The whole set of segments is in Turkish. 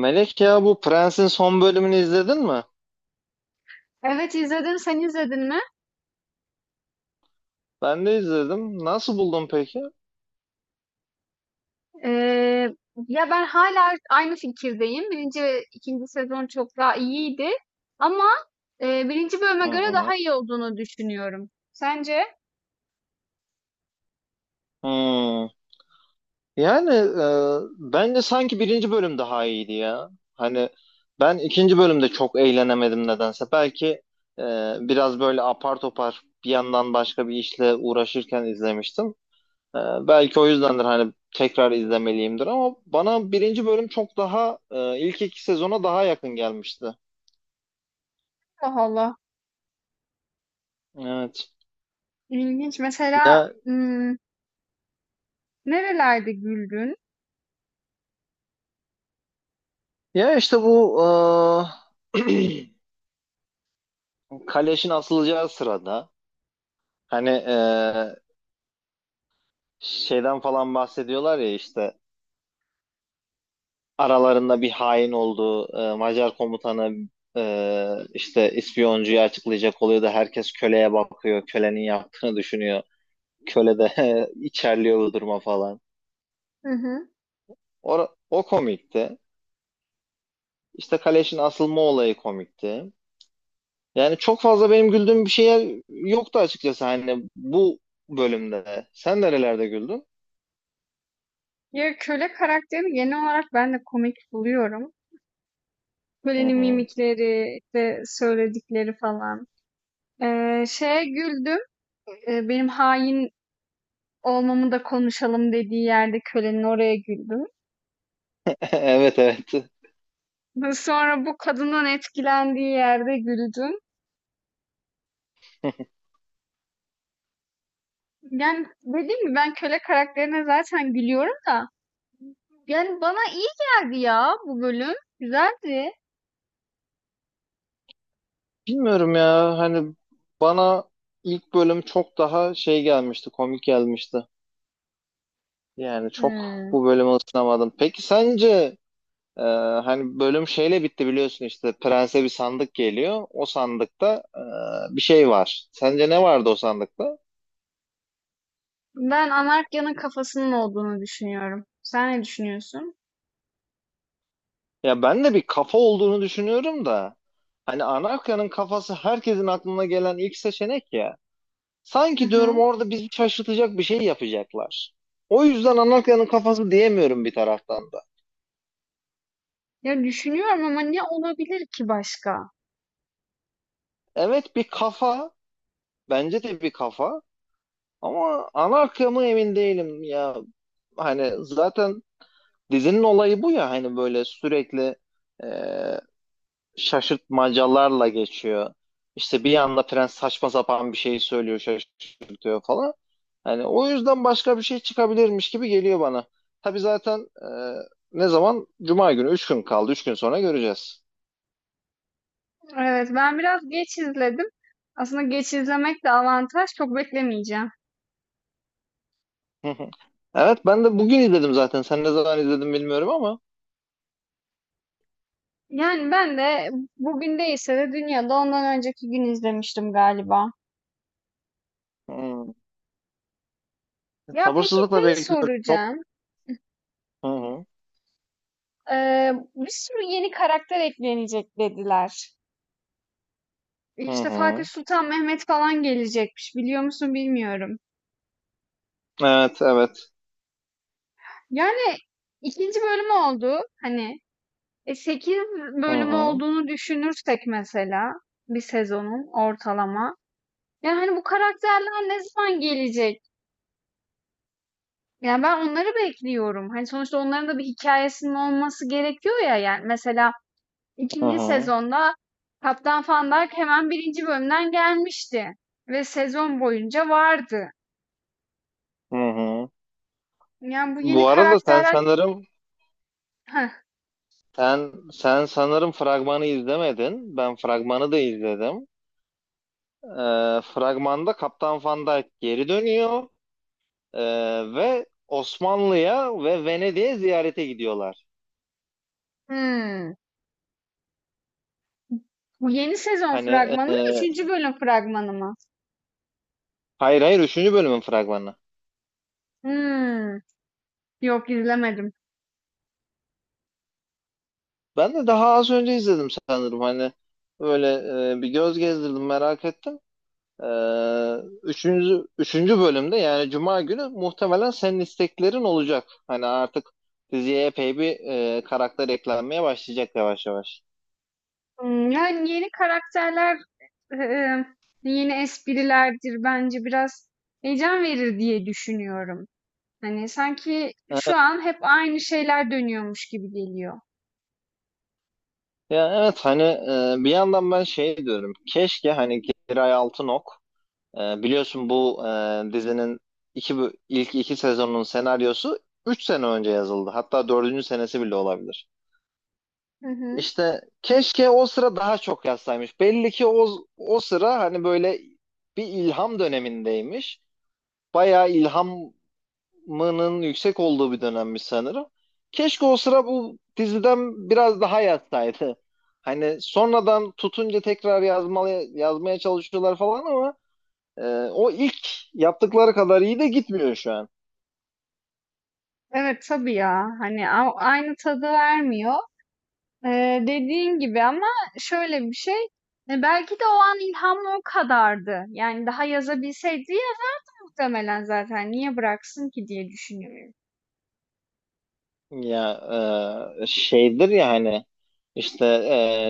Melek ya bu Prens'in son bölümünü izledin mi? Evet izledim. Sen izledin mi? Ben de izledim. Nasıl buldun peki? Ee, Ya ben hala aynı fikirdeyim. Birinci ve ikinci sezon çok daha iyiydi. Ama birinci bölüme Hı göre hı. daha iyi olduğunu düşünüyorum. Sence? Hmm. Yani bence sanki birinci bölüm daha iyiydi ya. Hani ben ikinci bölümde çok eğlenemedim nedense. Belki e, biraz böyle apar topar bir yandan başka bir işle uğraşırken izlemiştim. E, belki o yüzdendir hani tekrar izlemeliyimdir ama bana birinci bölüm çok daha ilk iki sezona daha yakın gelmişti. Allah Allah. Evet. İlginç. Mesela Ya nerelerde güldün? Ya işte bu eee, kaleşin asılacağı sırada hani şeyden falan bahsediyorlar ya işte aralarında bir hain olduğu Macar komutanı işte ispiyoncuyu açıklayacak oluyor da herkes köleye bakıyor. Kölenin yaptığını düşünüyor. Köle de içerliyor bu duruma falan. Hı hı. O komikti. İşte kaleşin asılma olayı komikti. Yani çok fazla benim güldüğüm bir şeyler yoktu açıkçası hani bu bölümde. Sen nerelerde güldün? Ya köle karakterini genel olarak ben de komik buluyorum. Hı Kölenin hı. mimikleri, işte söyledikleri falan. Şeye güldüm. Benim hain olmamı da konuşalım dediği yerde kölenin oraya güldüm. Evet, evet. Sonra bu kadından etkilendiği yerde güldüm. Yani dediğim gibi ben köle karakterine zaten gülüyorum da. Yani bana iyi geldi ya bu bölüm. Güzeldi. Bilmiyorum ya hani bana ilk bölüm çok daha şey gelmişti, komik gelmişti. Yani çok Hmm. bu bölüme ısınamadım. Peki sence e, hani bölüm şeyle bitti, biliyorsun işte prense bir sandık geliyor. O sandıkta bir şey var. Sence ne vardı o sandıkta? Ben Anarkya'nın kafasının olduğunu düşünüyorum. Sen ne düşünüyorsun? Ya ben de bir kafa olduğunu düşünüyorum da. Hani Anarka'nın kafası herkesin aklına gelen ilk seçenek ya. Hı Sanki diyorum hı. orada bizi şaşırtacak bir şey yapacaklar. O yüzden Anarka'nın kafası diyemiyorum bir taraftan da. Ya düşünüyorum ama ne olabilir ki başka? Evet, bir kafa, bence de bir kafa ama Anarka mı emin değilim ya. Hani zaten dizinin olayı bu ya, hani böyle sürekli e, şaşırtmacalarla geçiyor. İşte bir anda prens saçma sapan bir şey söylüyor, şaşırtıyor falan. Hani o yüzden başka bir şey çıkabilirmiş gibi geliyor bana. Tabii zaten, ne zaman? Cuma günü. 3 gün kaldı. 3 gün sonra göreceğiz. Evet, ben biraz geç izledim. Aslında geç izlemek de avantaj. Çok beklemeyeceğim. Hı hı. Evet, ben de bugün izledim zaten. Sen ne zaman izledin bilmiyorum ama. Yani ben de bugün değilse de dünyada ondan önceki gün izlemiştim galiba. Hmm. Ya peki Sabırsızlıkla şey bekliyorum. Çok. soracağım. Hı hı. Bir sürü yeni karakter eklenecek dediler. Hı İşte Fatih hı. Sultan Mehmet falan gelecekmiş. Biliyor musun bilmiyorum. Evet, evet. Yani ikinci bölüm oldu. Hani 8 Hı bölümü hı. olduğunu düşünürsek mesela bir sezonun ortalama. Yani hani bu karakterler ne zaman gelecek? Yani ben onları bekliyorum. Hani sonuçta onların da bir hikayesinin olması gerekiyor ya. Yani mesela Hı ikinci hı. sezonda Kaptan Fandak hemen birinci bölümden gelmişti. Ve sezon boyunca vardı. Hı hı. Yani bu yeni Bu arada sen karakterler... sanırım Heh, Sen, sen sanırım fragmanı izlemedin. Ben fragmanı da izledim. Fragmanda Kaptan Van Dijk geri dönüyor ee, ve Osmanlı'ya ve Venedik'e ziyarete gidiyorlar. hmm. Bu yeni sezon Hani fragmanı mı? e, Üçüncü bölüm fragmanı mı? hayır, hayır, üçüncü bölümün fragmanı. Hmm. Yok izlemedim. Ben de daha az önce izledim sanırım. Hani böyle bir göz gezdirdim, merak ettim. Ee, üçüncü bölümde yani Cuma günü muhtemelen senin isteklerin olacak. Hani artık diziye epey bir karakter eklenmeye başlayacak yavaş yavaş. Hmm, yani yeni karakterler e, e, yeni esprilerdir bence biraz heyecan verir diye düşünüyorum. Hani sanki şu an hep aynı şeyler dönüyormuş gibi geliyor. Ya evet hani bir yandan ben şey diyorum. Keşke hani Giray Altınok, biliyorsun bu dizinin ilk iki sezonun senaryosu 3 sene önce yazıldı. Hatta dördüncü senesi bile olabilir. Hı hı. İşte keşke o sıra daha çok yazsaymış. Belli ki o sıra hani böyle bir ilham dönemindeymiş. Bayağı ilhamının yüksek olduğu bir dönemmiş sanırım. Keşke o sıra bu diziden biraz daha yazsaydı. Hani sonradan tutunca tekrar yazmalı, yazmaya çalışıyorlar falan ama e, o ilk yaptıkları kadar iyi de gitmiyor şu an. Evet tabii ya. Hani aynı tadı vermiyor. Dediğin gibi ama şöyle bir şey. Belki de o an ilham o kadardı. Yani daha yazabilseydi yazar muhtemelen zaten. Niye bıraksın ki diye düşünüyorum. Ya şeydir ya hani işte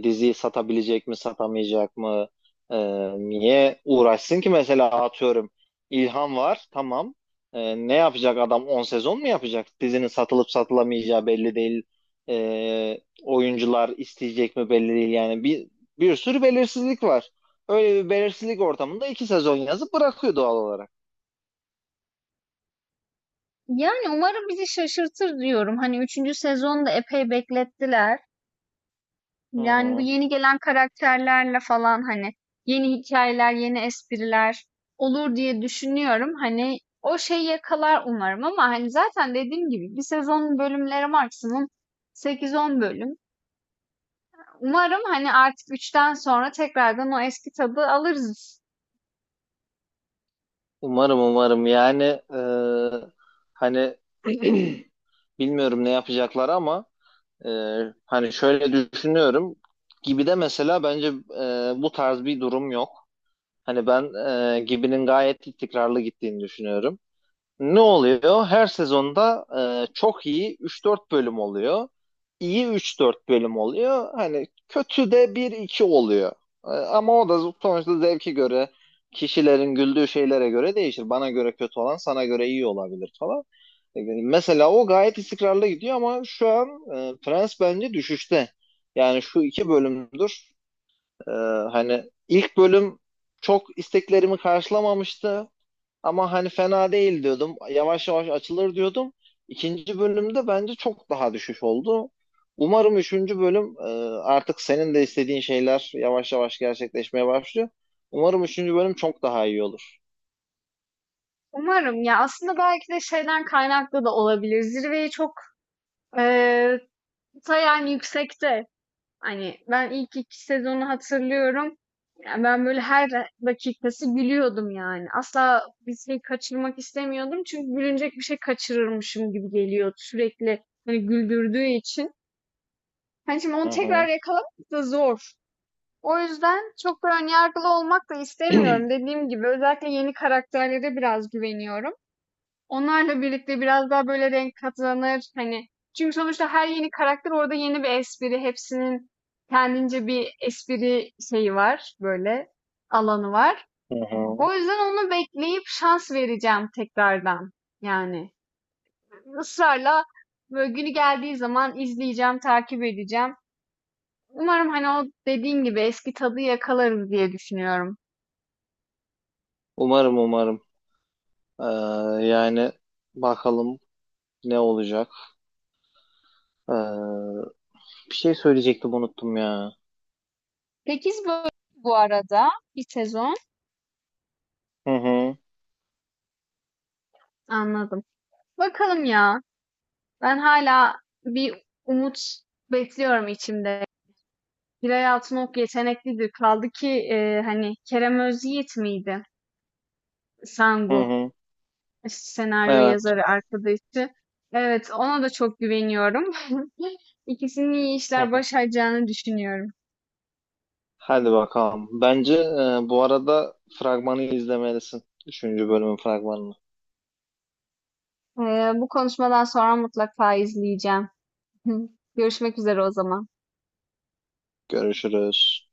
diziyi satabilecek mi satamayacak mı? E, niye uğraşsın ki, mesela atıyorum İlhan var, tamam. Ne yapacak adam, 10 sezon mu yapacak? Dizinin satılıp satılamayacağı belli değil. Oyuncular isteyecek mi belli değil, yani bir sürü belirsizlik var. Öyle bir belirsizlik ortamında 2 sezon yazıp bırakıyor doğal olarak. Yani umarım bizi şaşırtır diyorum. Hani üçüncü sezonu da epey beklettiler. Hı Yani bu hı. yeni gelen karakterlerle falan hani yeni hikayeler, yeni espriler olur diye düşünüyorum. Hani o şeyi yakalar umarım ama hani zaten dediğim gibi bir sezonun bölümleri maksimum sekiz on bölüm. Umarım hani artık üçten sonra tekrardan o eski tadı alırız. Umarım, umarım yani, e, hani bilmiyorum ne yapacaklar ama e, hani şöyle düşünüyorum. Gibi'de mesela bence bu tarz bir durum yok. Hani ben Gibi'nin gayet istikrarlı gittiğini düşünüyorum. Ne oluyor? Her sezonda çok iyi üç dört bölüm oluyor. İyi üç dört bölüm oluyor. Hani kötü de bir iki oluyor. Ama o da sonuçta zevki göre, kişilerin güldüğü şeylere göre değişir. Bana göre kötü olan sana göre iyi olabilir falan. Mesela o gayet istikrarlı gidiyor ama şu an Prens bence düşüşte. Yani şu iki bölümdür. e, hani ilk bölüm çok isteklerimi karşılamamıştı. Ama hani fena değil diyordum. Yavaş yavaş açılır diyordum. İkinci bölümde bence çok daha düşüş oldu. Umarım üçüncü bölüm, artık senin de istediğin şeyler yavaş yavaş gerçekleşmeye başlıyor. Umarım üçüncü bölüm çok daha iyi olur. Umarım ya aslında belki de şeyden kaynaklı da olabilir. Zirveyi çok eee, ta yani yüksekte. Hani, ben ilk 2 sezonu hatırlıyorum. Yani ben böyle her dakikası gülüyordum yani. Asla bir şey kaçırmak istemiyordum çünkü gülünecek bir şey kaçırırmışım gibi geliyordu sürekli, hani, güldürdüğü için. Hani, şimdi onu Hı tekrar hı, yakalamak da zor. O yüzden çok da ön yargılı olmak da istemiyorum. Dediğim gibi özellikle yeni karakterlere biraz güveniyorum. Onlarla birlikte biraz daha böyle renk katlanır. Hani çünkü sonuçta her yeni karakter orada yeni bir espri. Hepsinin kendince bir espri şeyi var. Böyle alanı var. hı hı. O yüzden onu bekleyip şans vereceğim tekrardan. Yani ısrarla böyle günü geldiği zaman izleyeceğim, takip edeceğim. Umarım hani o dediğin gibi eski tadı yakalarız diye düşünüyorum. Umarım, umarım. Ee, yani bakalım ne olacak. Ee, bir şey söyleyecektim, unuttum ya. 8 bölüm bu arada bir sezon. Hı hı, Anladım. Bakalım ya. Ben hala bir umut bekliyorum içimde. Hilal Altınok yeteneklidir. Kaldı ki hani Kerem Özyiğit miydi? hı Sangu hı. senaryo Evet. yazarı arkadaşı. Evet, ona da çok güveniyorum. İkisinin iyi işler başaracağını düşünüyorum. Hadi bakalım. Bence bu arada fragmanı izlemelisin. Üçüncü bölümün fragmanını. E, Bu konuşmadan sonra mutlaka izleyeceğim. Görüşmek üzere o zaman. Görüşürüz.